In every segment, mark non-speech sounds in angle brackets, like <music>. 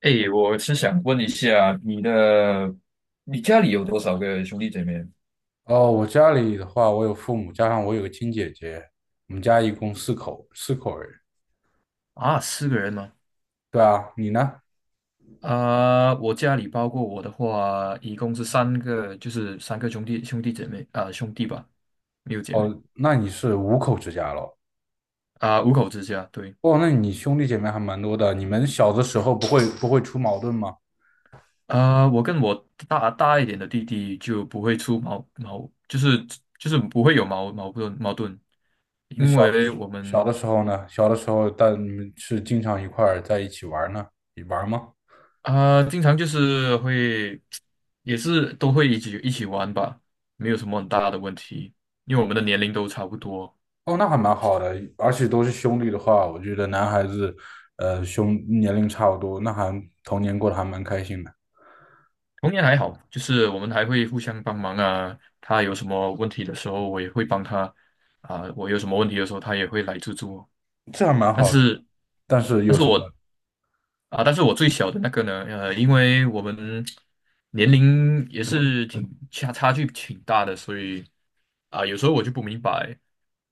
哎，我是想问一下，你家里有多少个兄弟姐妹？哦，我家里的话，我有父母，加上我有个亲姐姐，我们家一共四口人。啊，4个人吗？对啊，你呢？我家里包括我的话，一共是三个，就是三个兄弟姐妹啊、兄弟吧，没有姐妹。哦，那你是五口之家咯。五口之家。对。哦，那你兄弟姐妹还蛮多的。你们小的时候不会出矛盾吗？我跟我大一点的弟弟就不会出矛矛，就是不会有矛盾，那因小为我小们。的时候呢？小的时候，但你们是经常一块儿在一起玩儿呢？你玩儿吗？经常就是会，也是都会一起玩吧，没有什么很大的问题，因为我们的年龄都差不多。哦，那还蛮好的，而且都是兄弟的话，我觉得男孩子，年龄差不多，童年过得还蛮开心的。童年还好，就是我们还会互相帮忙啊。他有什么问题的时候，我也会帮他啊、我有什么问题的时候，他也会来助我。这还蛮但好的。是，但是但有是什么？我但是我最小的那个呢，因为我们年龄也是差距挺大的，所以有时候我就不明白。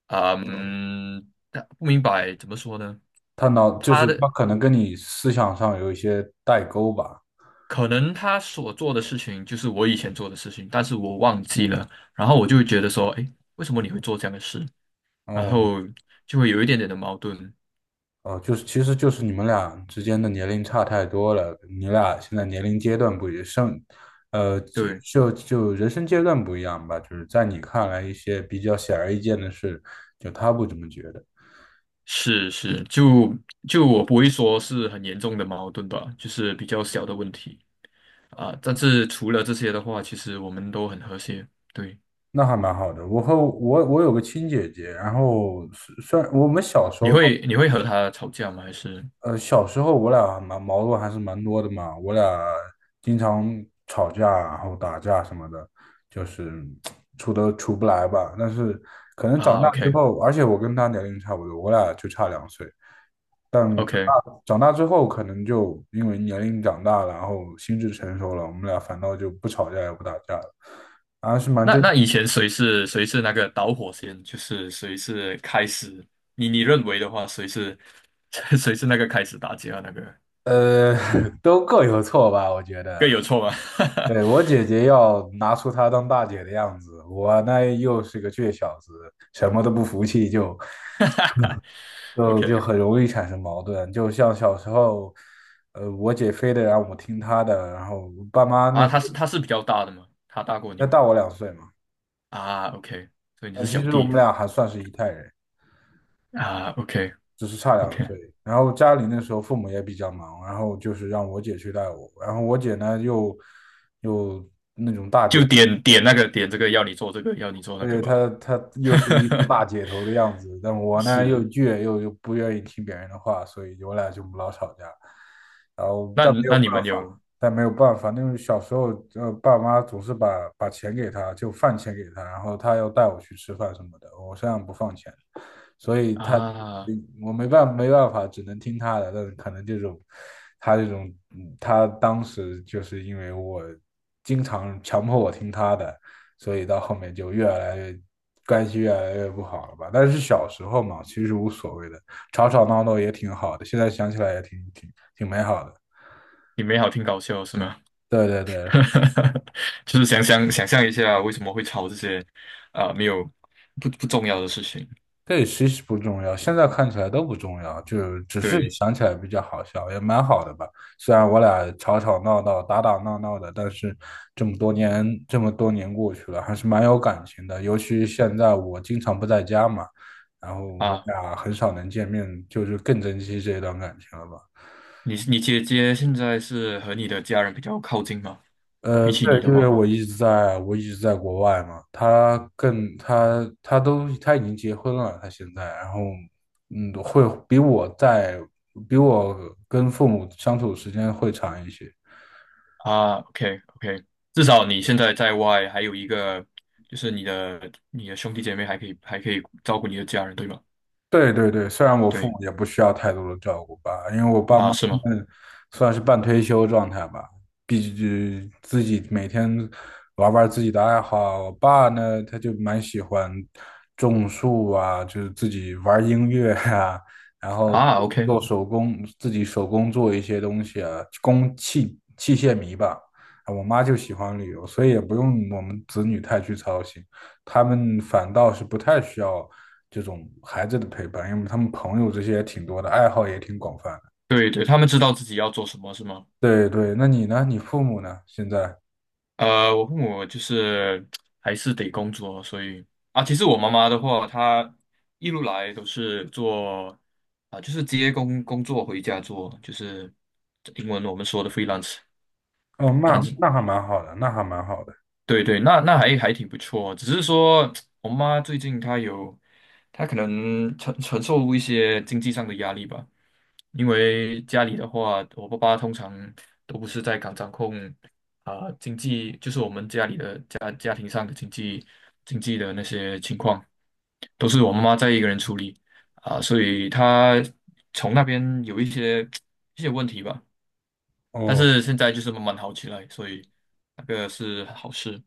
啊，但不明白怎么说呢？他脑就是他的他可能跟你思想上有一些代沟吧。可能他所做的事情就是我以前做的事情，但是我忘记了，然后我就会觉得说，哎，为什么你会做这样的事？然哦后就会有一点点的矛盾。哦，就是其实就是你们俩之间的年龄差太多了，你俩现在年龄阶段不一样，生呃就对。就就人生阶段不一样吧。就是在你看来一些比较显而易见的事，就他不怎么觉得。是是，就我不会说是很严重的矛盾吧，就是比较小的问题啊。但是除了这些的话，其实我们都很和谐。对。那还蛮好的。我和我我有个亲姐姐，然后虽然我们小时你候，会你会和他吵架吗？还是小时候我俩蛮矛盾还是蛮多的嘛，我俩经常吵架，然后打架什么的，就是处都处不来吧。但是可能长啊大之？OK 后，而且我跟他年龄差不多，我俩就差两岁。但长 OK。长大之后，可能就因为年龄长大了，然后心智成熟了，我们俩反倒就不吵架也不打架了，还是蛮那正。那以前谁是那个导火线？就是谁是开始？你认为的话，谁是 <laughs> 谁是那个开始打架那个？呃，<laughs> 都各有错吧，我觉得。各有错吗 对，我姐姐要拿出她当大姐的样子，我呢又是个倔小子，什么都不服气就，<laughs> 就就？OK。 很容易产生矛盾。就像小时候，我姐非得让我听她的，然后我爸妈那啊，时他候是他是比较大的吗？他大过你那吗？大我两岁嘛，啊，OK。所以你但是其小实我弟们俩还算是一代人，啊，OK 只是差两 OK。岁。然后家里那时候父母也比较忙，然后就是让我姐去带我，然后我姐呢又。那种大就姐。点点那个点这个要你做这个要你做那个对，吧。她又是一副 <laughs> 大姐头的样子，但我呢又是。倔，又不愿意听别人的话，所以我俩就老吵架。然后，那但没有那你办们法，有但没有办法，那种小时候，爸妈总是把钱给她，就饭钱给她，然后她要带我去吃饭什么的，我身上不放钱，所以她，啊？我没办法，只能听她的。但是可能这种，她这种，她当时就是因为我经常强迫我听她的。所以到后面就越来越关系越来越不好了吧。但是小时候嘛，其实无所谓的，吵吵闹闹也挺好的，现在想起来也挺美好的。你没好听搞笑是吗？对对对。<laughs> 就是想象一下为什么会吵这些啊、没有不重要的事情。对，其实不重要，现在看起来都不重要，就只是对想起来比较好笑，也蛮好的吧。虽然我俩吵吵闹闹、打打闹闹的，但是这么多年过去了，还是蛮有感情的。尤其现在我经常不在家嘛，然后我啊，俩很少能见面，就是更珍惜这段感情了吧。你姐姐现在是和你的家人比较靠近吗？比对，起你的因为话我一直在国外嘛，他更他他都他已经结婚了，他现在，然后会比我跟父母相处的时间会长一些。啊，OK OK。至少你现在在外还有一个，就是你的兄弟姐妹还可以照顾你的家人，对吗？对对对，虽然我父对母也不需要太多的照顾吧，因为我爸妈啊，是吗？他们算是半退休状态吧，毕竟自己每天玩玩自己的爱好。我爸呢，他就蛮喜欢种树啊，就是自己玩音乐啊，然后啊，OK。做手工，自己手工做一些东西啊，器械迷吧。啊，我妈就喜欢旅游，所以也不用我们子女太去操心。他们反倒是不太需要这种孩子的陪伴，因为他们朋友这些也挺多的，爱好也挺广泛的。对对，他们知道自己要做什么是吗？对对，那你呢？你父母呢？现在？我父母就是还是得工作，所以啊，其实我妈妈的话，她一路来都是做啊，就是接工作回家做，就是英文我们说的 freelance，哦，那但是那还蛮好的，那还蛮好的。对对。那还挺不错哦。只是说 <tsk> 我妈最近她可能承受一些经济上的压力吧，因为家里的话，我爸爸通常都不是在港掌控啊、经济，就是我们家里的家庭上的经济的那些情况，都是我妈妈在一个人处理啊、所以她从那边有一些 <tsk> 一些问题吧。但哦，是现在就是慢慢好起来，所以那个是好事。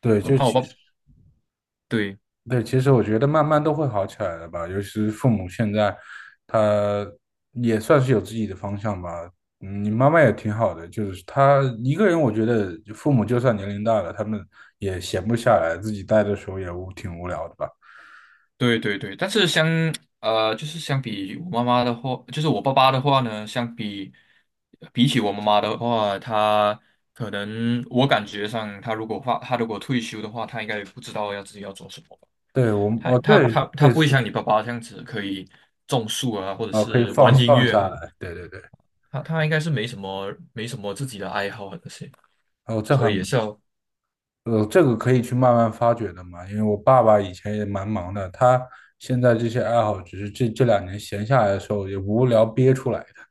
对，哦，就其实对对，其实我觉得慢慢都会好起来的吧。尤其是父母现在，他也算是有自己的方向吧。你妈妈也挺好的，就是她一个人，我觉得父母就算年龄大了，他们也闲不下来，自己待的时候也无挺无聊的吧。对对对。但是就是相比我妈妈的话，就是我爸爸的话呢，比起我妈妈的话，他可能我感觉上，他如果退休的话，他应该也不知道要自己要做什么吧。对，我们他哦，他他对，他类不会似。像你爸爸这样子可以种树啊，或者啊，可以是放玩音放乐下啊。来，对对对。他应该是没什么自己的爱好啊那些，哦，所以也是要这个可以去慢慢发掘的嘛，因为我爸爸以前也蛮忙的，他现在这些爱好只是这两年闲下来的时候也无聊憋出来的。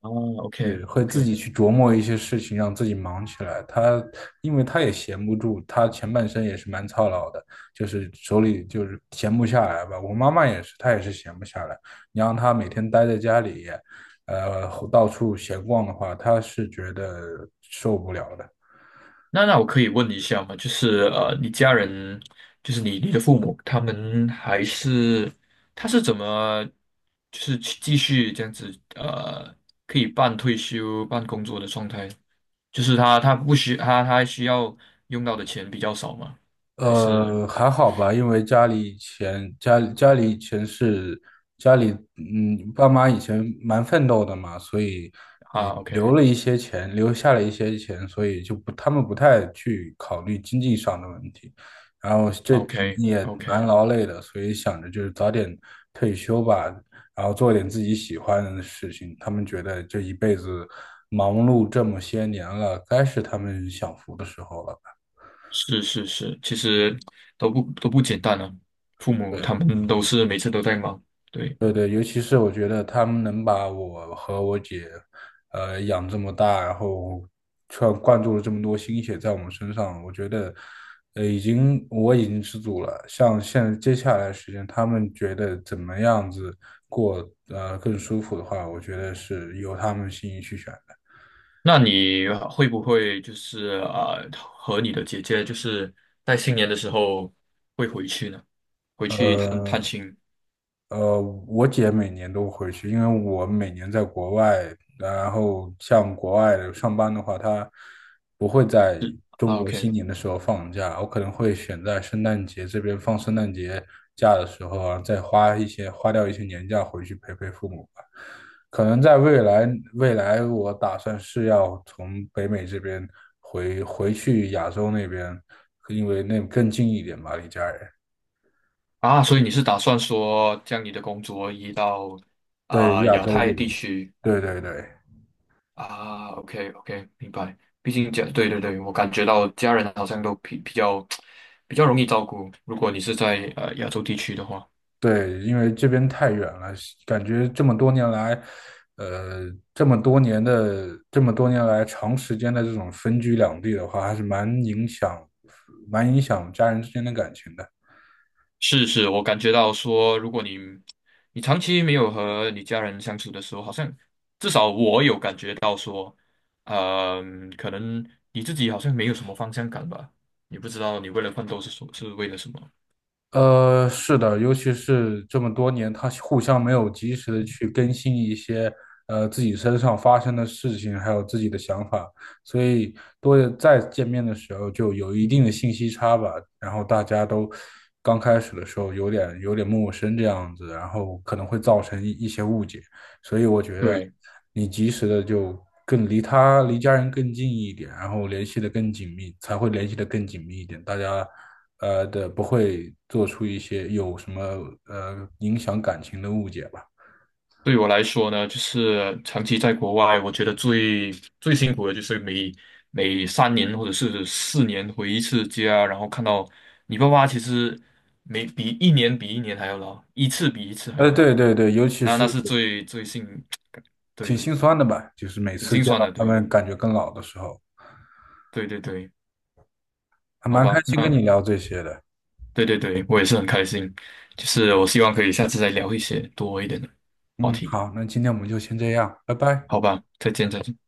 啊，OK 对，会自 OK。己去琢磨一些事情，让自己忙起来。因为他也闲不住，他前半生也是蛮操劳的，就是手里就是闲不下来吧。我妈妈也是，她也是闲不下来。你让她每天待在家里，到处闲逛的话，她是觉得受不了的。那我可以问一下吗？就是你家人，就是你的父母，他们还是他是怎么，就是去继续这样子可以半退休半工作的状态？就是他他不需他他需要用到的钱比较少吗？还是还好吧，因为家里以前家里家里以前是家里嗯，爸妈以前蛮奋斗的嘛，所以呃啊？OK 留下了一些钱，所以就不他们不太去考虑经济上的问题。然后这几年 OK 也 OK。蛮劳累的，所以想着就是早点退休吧，然后做点自己喜欢的事情。他们觉得这一辈子忙碌这么些年了，该是他们享福的时候了吧？是是是，其实都不简单啊，父母他对。们都是每次都在忙，对。对对，尤其是我觉得他们能把我和我姐，养这么大，然后却灌注了这么多心血在我们身上，我觉得，我已经知足了。像现在接下来的时间，他们觉得怎么样子过，更舒服的话，我觉得是由他们心意去选的。那你会不会就是和你的姐姐就是在新年的时候会回去呢？回去探探呃，亲呃，我姐每年都回去，因为我每年在国外，然后像国外的上班的话，她不会在是中啊国，OK。 新年的时候放假，我可能会选在圣诞节这边放圣诞节假的时候啊，再花掉一些年假回去陪陪父母吧。可能在未来，我打算是要从北美这边回去亚洲那边，因为那更近一点嘛，离家人。啊，所以你是打算说将你的工作移到对，啊、亚亚洲这太地边，区对对对。啊？OK OK，明白。毕竟对对对，我感觉到家人好像都比较容易照顾，如果你是在亚洲地区的话。对，因为这边太远了，感觉这么多年来，呃，这么多年的这么多年来长时间的这种分居两地的话，还是蛮影响家人之间的感情的。是是，我感觉到说，如果你长期没有和你家人相处的时候，好像至少我有感觉到说，可能你自己好像没有什么方向感吧，你不知道你为了奋斗是为了什么。是的，尤其是这么多年，他互相没有及时的去更新一些自己身上发生的事情，还有自己的想法，所以多再见面的时候就有一定的信息差吧。然后大家都刚开始的时候有点陌生这样子，然后可能会造成一些误解。所以我觉得对。你及时的就更离他离家人更近一点，然后联系的更紧密，才会联系的更紧密一点，大家的，不会做出一些有什么影响感情的误解吧。对我来说呢，就是长期在国外，我觉得最辛苦的就是每3年或者是4年回一次家，然后看到你爸爸其实比一年比一年还要老，一次比一次还要对老。对对，尤其那是那是最最心，挺对，心酸的吧，就是每挺次心见酸到的，他对，们感觉更老的时候，对对对，还好蛮开吧。心跟你那聊这些的。对对对，我也是很开心，就是我希望可以下次再聊一些多一点的话嗯，题，好，那今天我们就先这样，拜拜。好吧，再见再见。